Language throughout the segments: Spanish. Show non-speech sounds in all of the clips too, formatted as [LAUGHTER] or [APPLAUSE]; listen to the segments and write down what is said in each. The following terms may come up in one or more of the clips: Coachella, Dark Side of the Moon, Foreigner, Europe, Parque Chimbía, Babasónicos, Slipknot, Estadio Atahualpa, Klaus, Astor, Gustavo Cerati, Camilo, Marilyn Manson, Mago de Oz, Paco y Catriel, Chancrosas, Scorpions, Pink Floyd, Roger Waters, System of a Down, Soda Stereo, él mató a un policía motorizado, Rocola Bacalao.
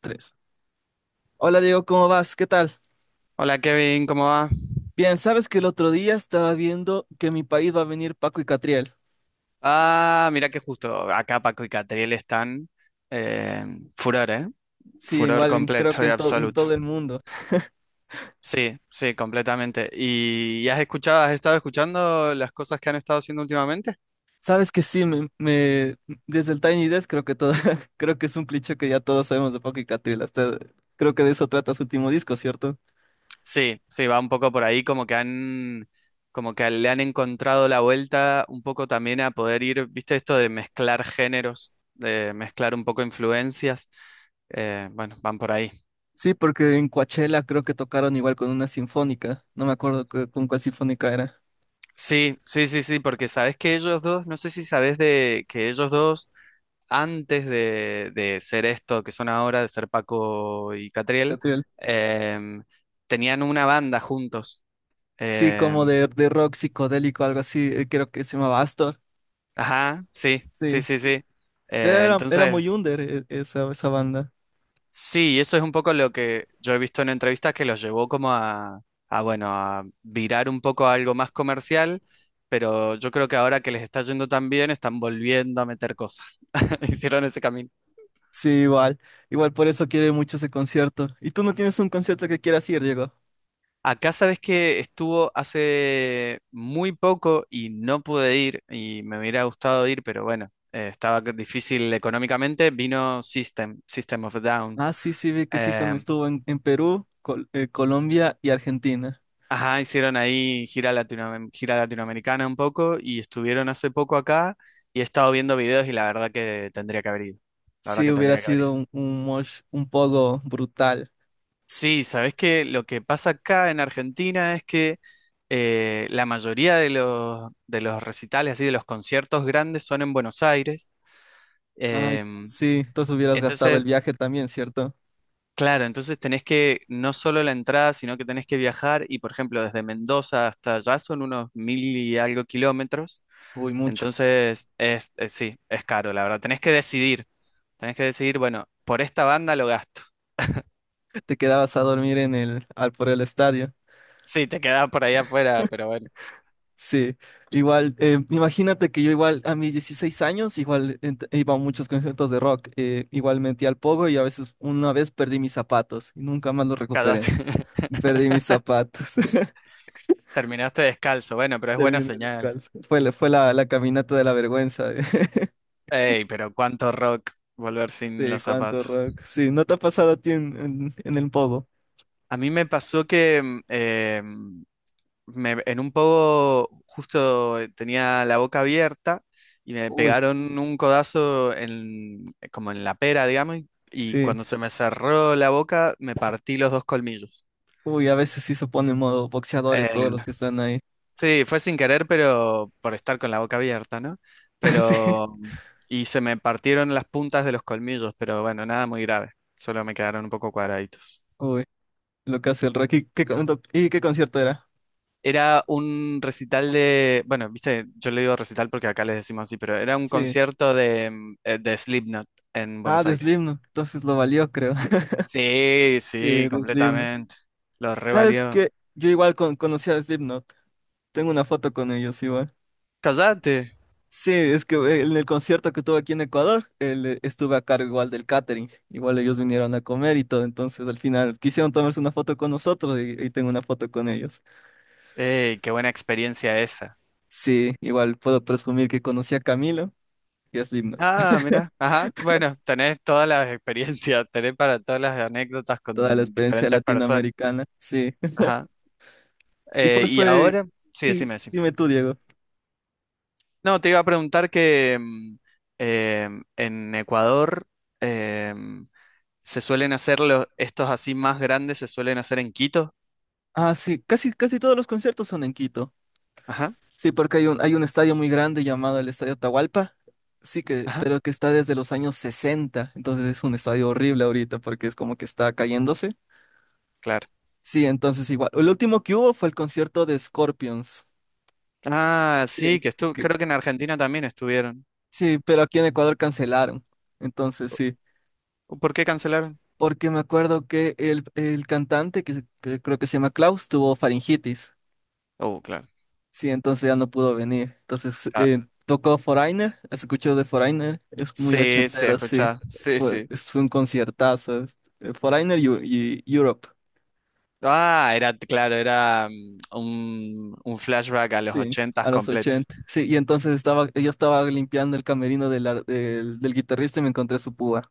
Tres. Hola Diego, ¿cómo vas? ¿Qué tal? Hola Kevin, ¿cómo va? Bien, sabes que el otro día estaba viendo que en mi país va a venir Paco y Catriel. Ah, mira que justo acá Paco y Catriel están eh, furor, ¿eh? Sí, Furor igual creo completo que y en absoluto. todo el mundo. Sí, sí, completamente. ¿Y has estado escuchando las cosas que han estado haciendo últimamente? Sabes que sí, desde el Tiny Desk creo que todo, [LAUGHS] creo que es un cliché que ya todos sabemos de Paco y Catriel. Hasta, creo que de eso trata su último disco, ¿cierto? Sí, sí, va un poco por ahí, como que le han encontrado la vuelta un poco también a poder ir, ¿viste esto de mezclar géneros, de mezclar un poco influencias? Bueno, van por ahí. Sí, porque en Coachella creo que tocaron igual con una sinfónica. No me acuerdo con cuál sinfónica era. Sí, sí, sí, sí, porque no sé si sabes de que ellos dos, antes de ser esto que son ahora, de ser Paco y Catriel, Catriel. em, tenían una banda juntos. Sí, como Em, de rock psicodélico, algo así. Creo que se llamaba Astor. ajá, sí, sí, Sí. sí, sí. Pero era Entonces, muy under esa, esa banda. sí, eso es un poco lo que yo he visto en entrevistas que los llevó como a, bueno, a virar un poco a algo más comercial, pero yo creo que ahora que les está yendo tan bien, están volviendo a meter cosas. [LAUGHS] Hicieron ese camino. Sí, igual. Igual por eso quiere mucho ese concierto. ¿Y tú no tienes un concierto que quieras ir, Diego? Acá sabes que estuvo hace muy poco y no pude ir y me hubiera gustado ir, pero bueno, estaba difícil económicamente. Vino System of a Down. Ah, sí, sí, vi que sí están, Eh, estuvo en Perú, Colombia y Argentina. Ajá, hicieron ahí gira latinoamericana un poco y estuvieron hace poco acá y he estado viendo videos y la verdad que tendría que haber ido. La verdad Sí, que hubiera tendría que haber ido. sido un mosh un poco brutal. Sí, sabes que lo que pasa acá en Argentina es que la mayoría de los recitales, así de los conciertos grandes, son en Buenos Aires. Ay, Em, sí, entonces hubieras gastado el entonces, viaje también, ¿cierto? claro, entonces tenés que no solo la entrada, sino que tenés que viajar y, por ejemplo, desde Mendoza hasta allá son unos 1000 y algo kilómetros. Uy, mucho. Entonces, sí, es caro, la verdad. Tenés que decidir, bueno, por esta banda lo gasto. [LAUGHS] [LAUGHS] Te quedabas a dormir en el, al, por el estadio. Sí, te quedás por ahí afuera, pero bueno, Sí, igual, imagínate que yo igual a mis 16 años, igual iba a muchos conciertos de rock, igual metí al pogo y a veces una vez perdí mis zapatos y nunca más los recuperé. cagaste. [LAUGHS] Perdí mis zapatos, [LAUGHS] Terminaste descalzo, bueno, pero es buena terminé señal. descalzo. Fue la, la caminata de la vergüenza [LAUGHS] de, Ey, pero cuánto rock volver sin los cuánto zapatos. rock. Sí, ¿no te ha pasado a ti en, en el pogo? A mí me pasó que en un poco justo tenía la boca abierta y me Uy, pegaron un codazo en, como en la pera, digamos, y sí, cuando se me cerró la boca me partí los dos colmillos. uy, a veces sí se pone en modo boxeadores todos Eh, los que están ahí. [LAUGHS] sí, fue sin querer, pero por estar con la boca abierta, ¿no? Sí, Pero, y se me partieron las puntas de los colmillos, pero bueno, nada muy grave, solo me quedaron un poco cuadraditos. uy, lo que hace el rock. ¿Y qué, y qué concierto era? Era un recital de, bueno, viste, yo le digo recital porque acá les decimos así, pero era un Sí. concierto de Slipknot en Ah, Buenos de Aires. Slipknot, entonces lo valió, creo. [LAUGHS] Sí, Sí, sí, de Slipknot. completamente. Lo ¿Sabes revalió. qué? Yo igual conocí a Slipknot. Tengo una foto con ellos igual. Cállate. Sí, es que en el concierto que tuve aquí en Ecuador, él, estuve a cargo igual del catering. Igual ellos vinieron a comer y todo, entonces al final quisieron tomarse una foto con nosotros y tengo una foto con ellos. Ey, qué buena experiencia esa. Sí, igual puedo presumir que conocí a Camilo y a Slipknot. Ah, [LAUGHS] mira, ajá. Bueno, tenés todas las experiencias, [LAUGHS] tenés para todas las anécdotas Toda la con experiencia diferentes personas. latinoamericana, sí. Ajá. [LAUGHS] ¿Y Eh, cuál y fue? ahora, sí, Sí, decime, decime. dime tú, Diego. No, te iba a preguntar que en Ecuador em, se suelen hacer estos así más grandes, se suelen hacer en Quito. Ah, sí, casi, casi todos los conciertos son en Quito. Ajá, Sí, porque hay un estadio muy grande llamado el Estadio Atahualpa, sí que, ajá, pero que está desde los años 60, entonces es un estadio horrible ahorita porque es como que está cayéndose. claro. Sí, entonces igual. El último que hubo fue el concierto de Scorpions. Ah, Sí, sí, que estu que- creo que en Argentina también estuvieron. sí, pero aquí en Ecuador cancelaron. Entonces sí, ¿Por qué cancelaron? porque me acuerdo que el cantante, que creo que se llama Klaus, tuvo faringitis. Oh, claro. Sí, entonces ya no pudo venir. Entonces Ah, tocó Foreigner, escuchó de Foreigner, es muy sí, sí, ochentero, sí. escuchaba. Sí, sí. Fue un conciertazo. Foreigner y Europe, Ah, era, claro, era un flashback a los sí, ochentas a los completo. 80. Sí, y entonces estaba, yo estaba limpiando el camerino del, del guitarrista y me encontré su púa.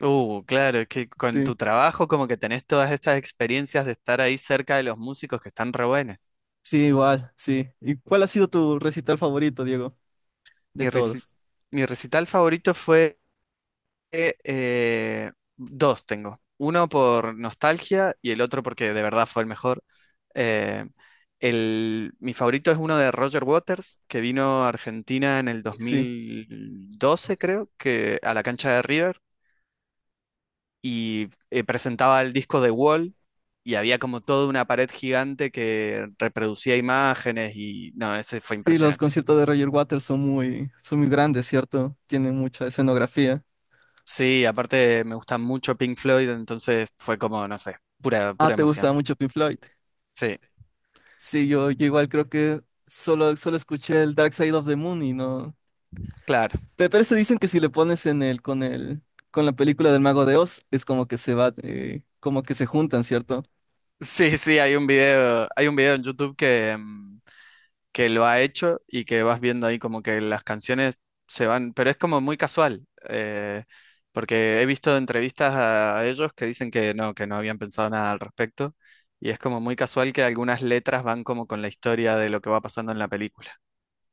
Claro, es que con Sí, tu trabajo como que tenés todas estas experiencias de estar ahí cerca de los músicos que están re buenas. sí, igual, sí. ¿Y cuál ha sido tu recital favorito, Diego? De Mi, reci- todos. Mi recital favorito fue dos tengo. Uno por nostalgia y el otro porque de verdad fue el mejor. Eh, mi favorito es uno de Roger Waters, que vino a Argentina en el Sí. 2012, creo, que a la cancha de River y presentaba el disco de Wall y había como toda una pared gigante que reproducía imágenes y no, ese fue Sí, los impresionante. conciertos de Roger Waters son muy grandes, ¿cierto? Tienen mucha escenografía. Sí, aparte me gusta mucho Pink Floyd, entonces fue como, no sé, pura, Ah, pura ¿te emoción. gusta mucho Pink Floyd? Sí, Sí, yo igual creo que solo escuché el Dark Side of the Moon y no. claro. Pero se dicen que si le pones en el, con la película del Mago de Oz, es como que se va, como que se juntan, ¿cierto? Sí, sí, hay un video en YouTube que lo ha hecho y que vas viendo ahí como que las canciones se van, pero es como muy casual, porque he visto entrevistas a ellos que dicen que no habían pensado nada al respecto, y es como muy casual que algunas letras van como con la historia de lo que va pasando en la película.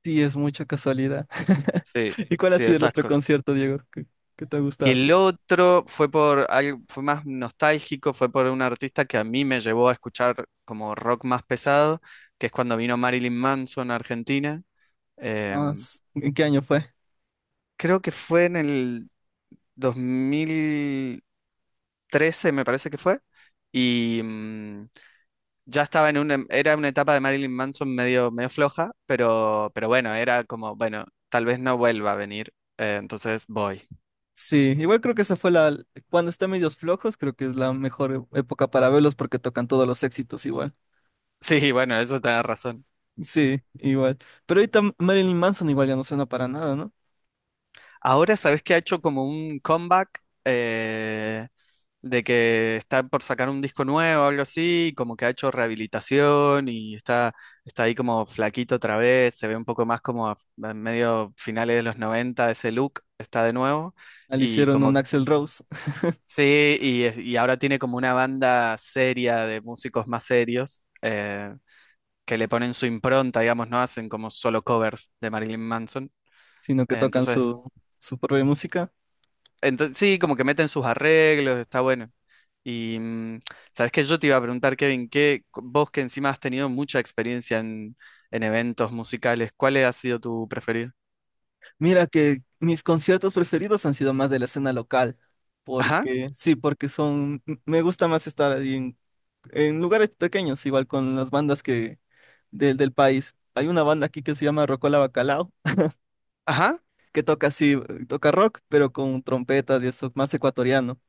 Sí, es mucha casualidad. [LAUGHS] Sí, ¿Y cuál ha sí, sido el esas otro cosas. concierto, Diego, que te ha Y gustado? el otro fue por algo, fue más nostálgico, fue por un artista que a mí me llevó a escuchar como rock más pesado, que es cuando vino Marilyn Manson a Argentina. Ah, Em, ¿en qué año fue? Creo que fue en el 2013 me parece que fue, y ya estaba en una, era una etapa de Marilyn Manson medio floja, pero bueno, era como, bueno, tal vez no vuelva a venir, entonces voy. [LAUGHS] Sí, igual creo que esa fue la, cuando está medios flojos, creo que es la mejor época para verlos porque tocan todos los éxitos igual. Sí, bueno, eso te da razón. Sí, igual. Pero ahorita Marilyn Manson igual ya no suena para nada, ¿no? Ahora sabes que ha hecho como un comeback de que está por sacar un disco nuevo o algo así, y como que ha hecho rehabilitación y está ahí como flaquito otra vez, se ve un poco más como a, medio finales de los 90 ese look está de nuevo, Al y hicieron como un Axl Rose, sí, y, es- y ahora tiene como una banda seria de músicos más serios que le ponen su impronta, digamos, no hacen como solo covers de Marilyn Manson. sino que Eh, tocan Entonces su, su propia música. Entonces, sí, como que meten sus arreglos, está bueno. Y sabes que yo te iba a preguntar, Kevin, que vos que encima has tenido mucha experiencia en eventos musicales, ¿cuál ha sido tu preferido? Mira que mis conciertos preferidos han sido más de la escena local, Ajá, porque sí, porque son, me gusta más estar ahí en lugares pequeños, igual con las bandas que del país. Hay una banda aquí que se llama Rocola Bacalao, ajá, que toca así, toca rock, pero con trompetas y eso, más ecuatoriano.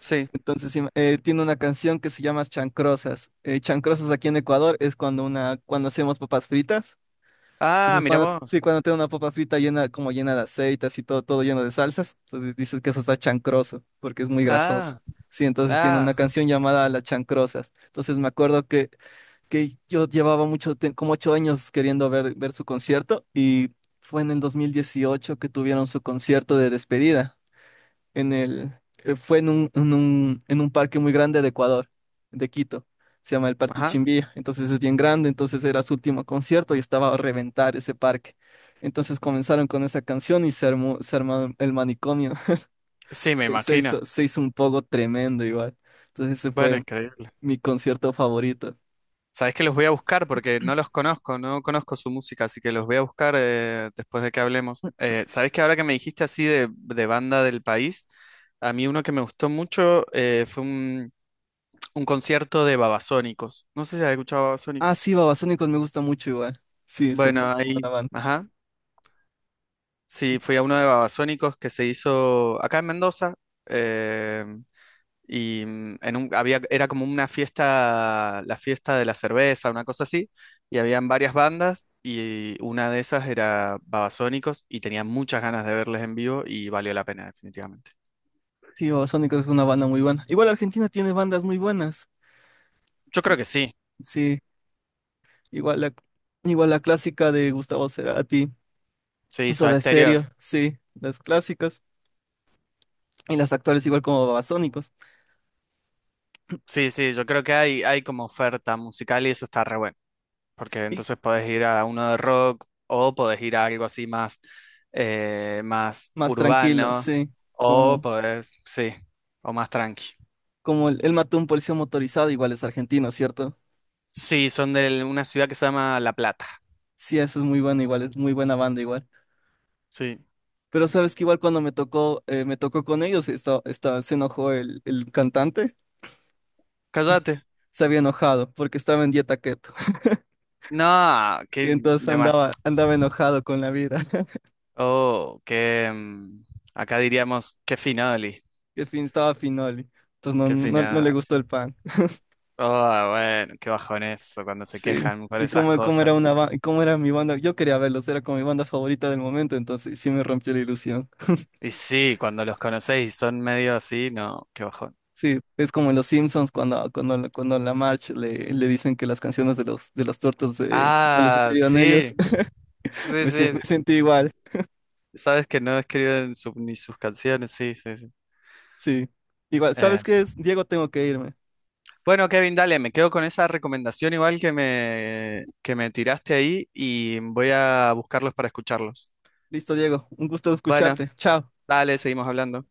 sí. Entonces, sí, tiene una canción que se llama Chancrosas. Chancrosas aquí en Ecuador es cuando una, cuando hacemos papas fritas. Ah, Entonces, mira cuando, vos. sí, cuando tiene una papa frita llena, como llena de aceite, así todo, todo lleno de salsas, entonces dices que eso está chancroso, porque es muy grasoso. Ah, Sí, entonces tiene ah, una canción llamada Las Chancrosas. Entonces me acuerdo que yo llevaba mucho, como 8 años queriendo ver, ver su concierto y fue en el 2018 que tuvieron su concierto de despedida en el, fue en un, en un, en un parque muy grande de Ecuador, de Quito. Se llama el Parque ajá. Chimbía, entonces es bien grande, entonces era su último concierto y estaba a reventar ese parque. Entonces comenzaron con esa canción y se armó el manicomio. [LAUGHS] Sí, me Se, imagino. Se hizo un poco tremendo igual. Entonces ese Bueno, fue increíble. mi concierto favorito. Sabes que los voy a buscar porque no los conozco, no conozco su música, así que los voy a buscar después de que hablemos. Sabes que ahora que me dijiste así de banda del país, a mí uno que me gustó mucho fue un concierto de Babasónicos. No sé si has escuchado Ah, Babasónicos. sí, Babasónicos me gusta mucho igual. Sí, es una Bueno, muy buena ahí, banda. ajá. Sí, fui a uno de Babasónicos que se hizo acá en Mendoza. eh, y en un, había, era como una fiesta, la fiesta de la cerveza, una cosa así. Y habían varias bandas y una de esas era Babasónicos y tenía muchas ganas de verles en vivo y valió la pena, definitivamente. Sí, Babasónicos es una banda muy buena. Igual Argentina tiene bandas muy buenas. Yo creo que sí. Sí. Igual la, igual la clásica de Gustavo Cerati, Sí, Soda Soda Stereo. Stereo, sí, las clásicas. Y las actuales igual como Babasónicos. Sí, sí, yo creo que hay como oferta musical y eso está re bueno. Porque Y entonces podés ir a uno de rock o podés ir a algo así más más tranquilos urbano sí. Como, sí, o más tranqui. como el él mató a un policía motorizado, igual es argentino, ¿cierto? Sí, son de una ciudad que se llama La Plata. Sí, eso es muy bueno, igual es muy buena banda igual. Sí. Pero sabes que igual cuando me tocó con ellos, se enojó el cantante, Cállate. se había enojado porque estaba en dieta keto. [LAUGHS] No, Y qué entonces demás. Andaba enojado con la vida. [LAUGHS] Oh, Acá diríamos, qué finoli, Que fin, estaba finoli. Entonces qué no le final. gustó el pan. Oh, bueno, qué bajón eso cuando se Sí. quejan por ¿Y esas cómo, cosas. Cómo era mi banda? Yo quería verlos, era como mi banda favorita del momento, entonces sí me rompió la ilusión. Y sí, cuando los conocéis y son medio así, no, qué bajón. Sí, es como en los Simpsons cuando en la March le, le dicen que las canciones de los Turtles no las Ah, escribieron ellos. sí. [LAUGHS] Sí, Me, me sí, sí. sentí igual, Sabes que no he escrito ni sus canciones, sí, sí, sí. sí. Igual, Eh, ¿sabes qué es? Diego, tengo que irme. bueno, Kevin, dale, me quedo con esa recomendación igual que me tiraste ahí y voy a buscarlos para escucharlos. Listo, Diego, un gusto Bueno, escucharte. Chao. dale, seguimos hablando.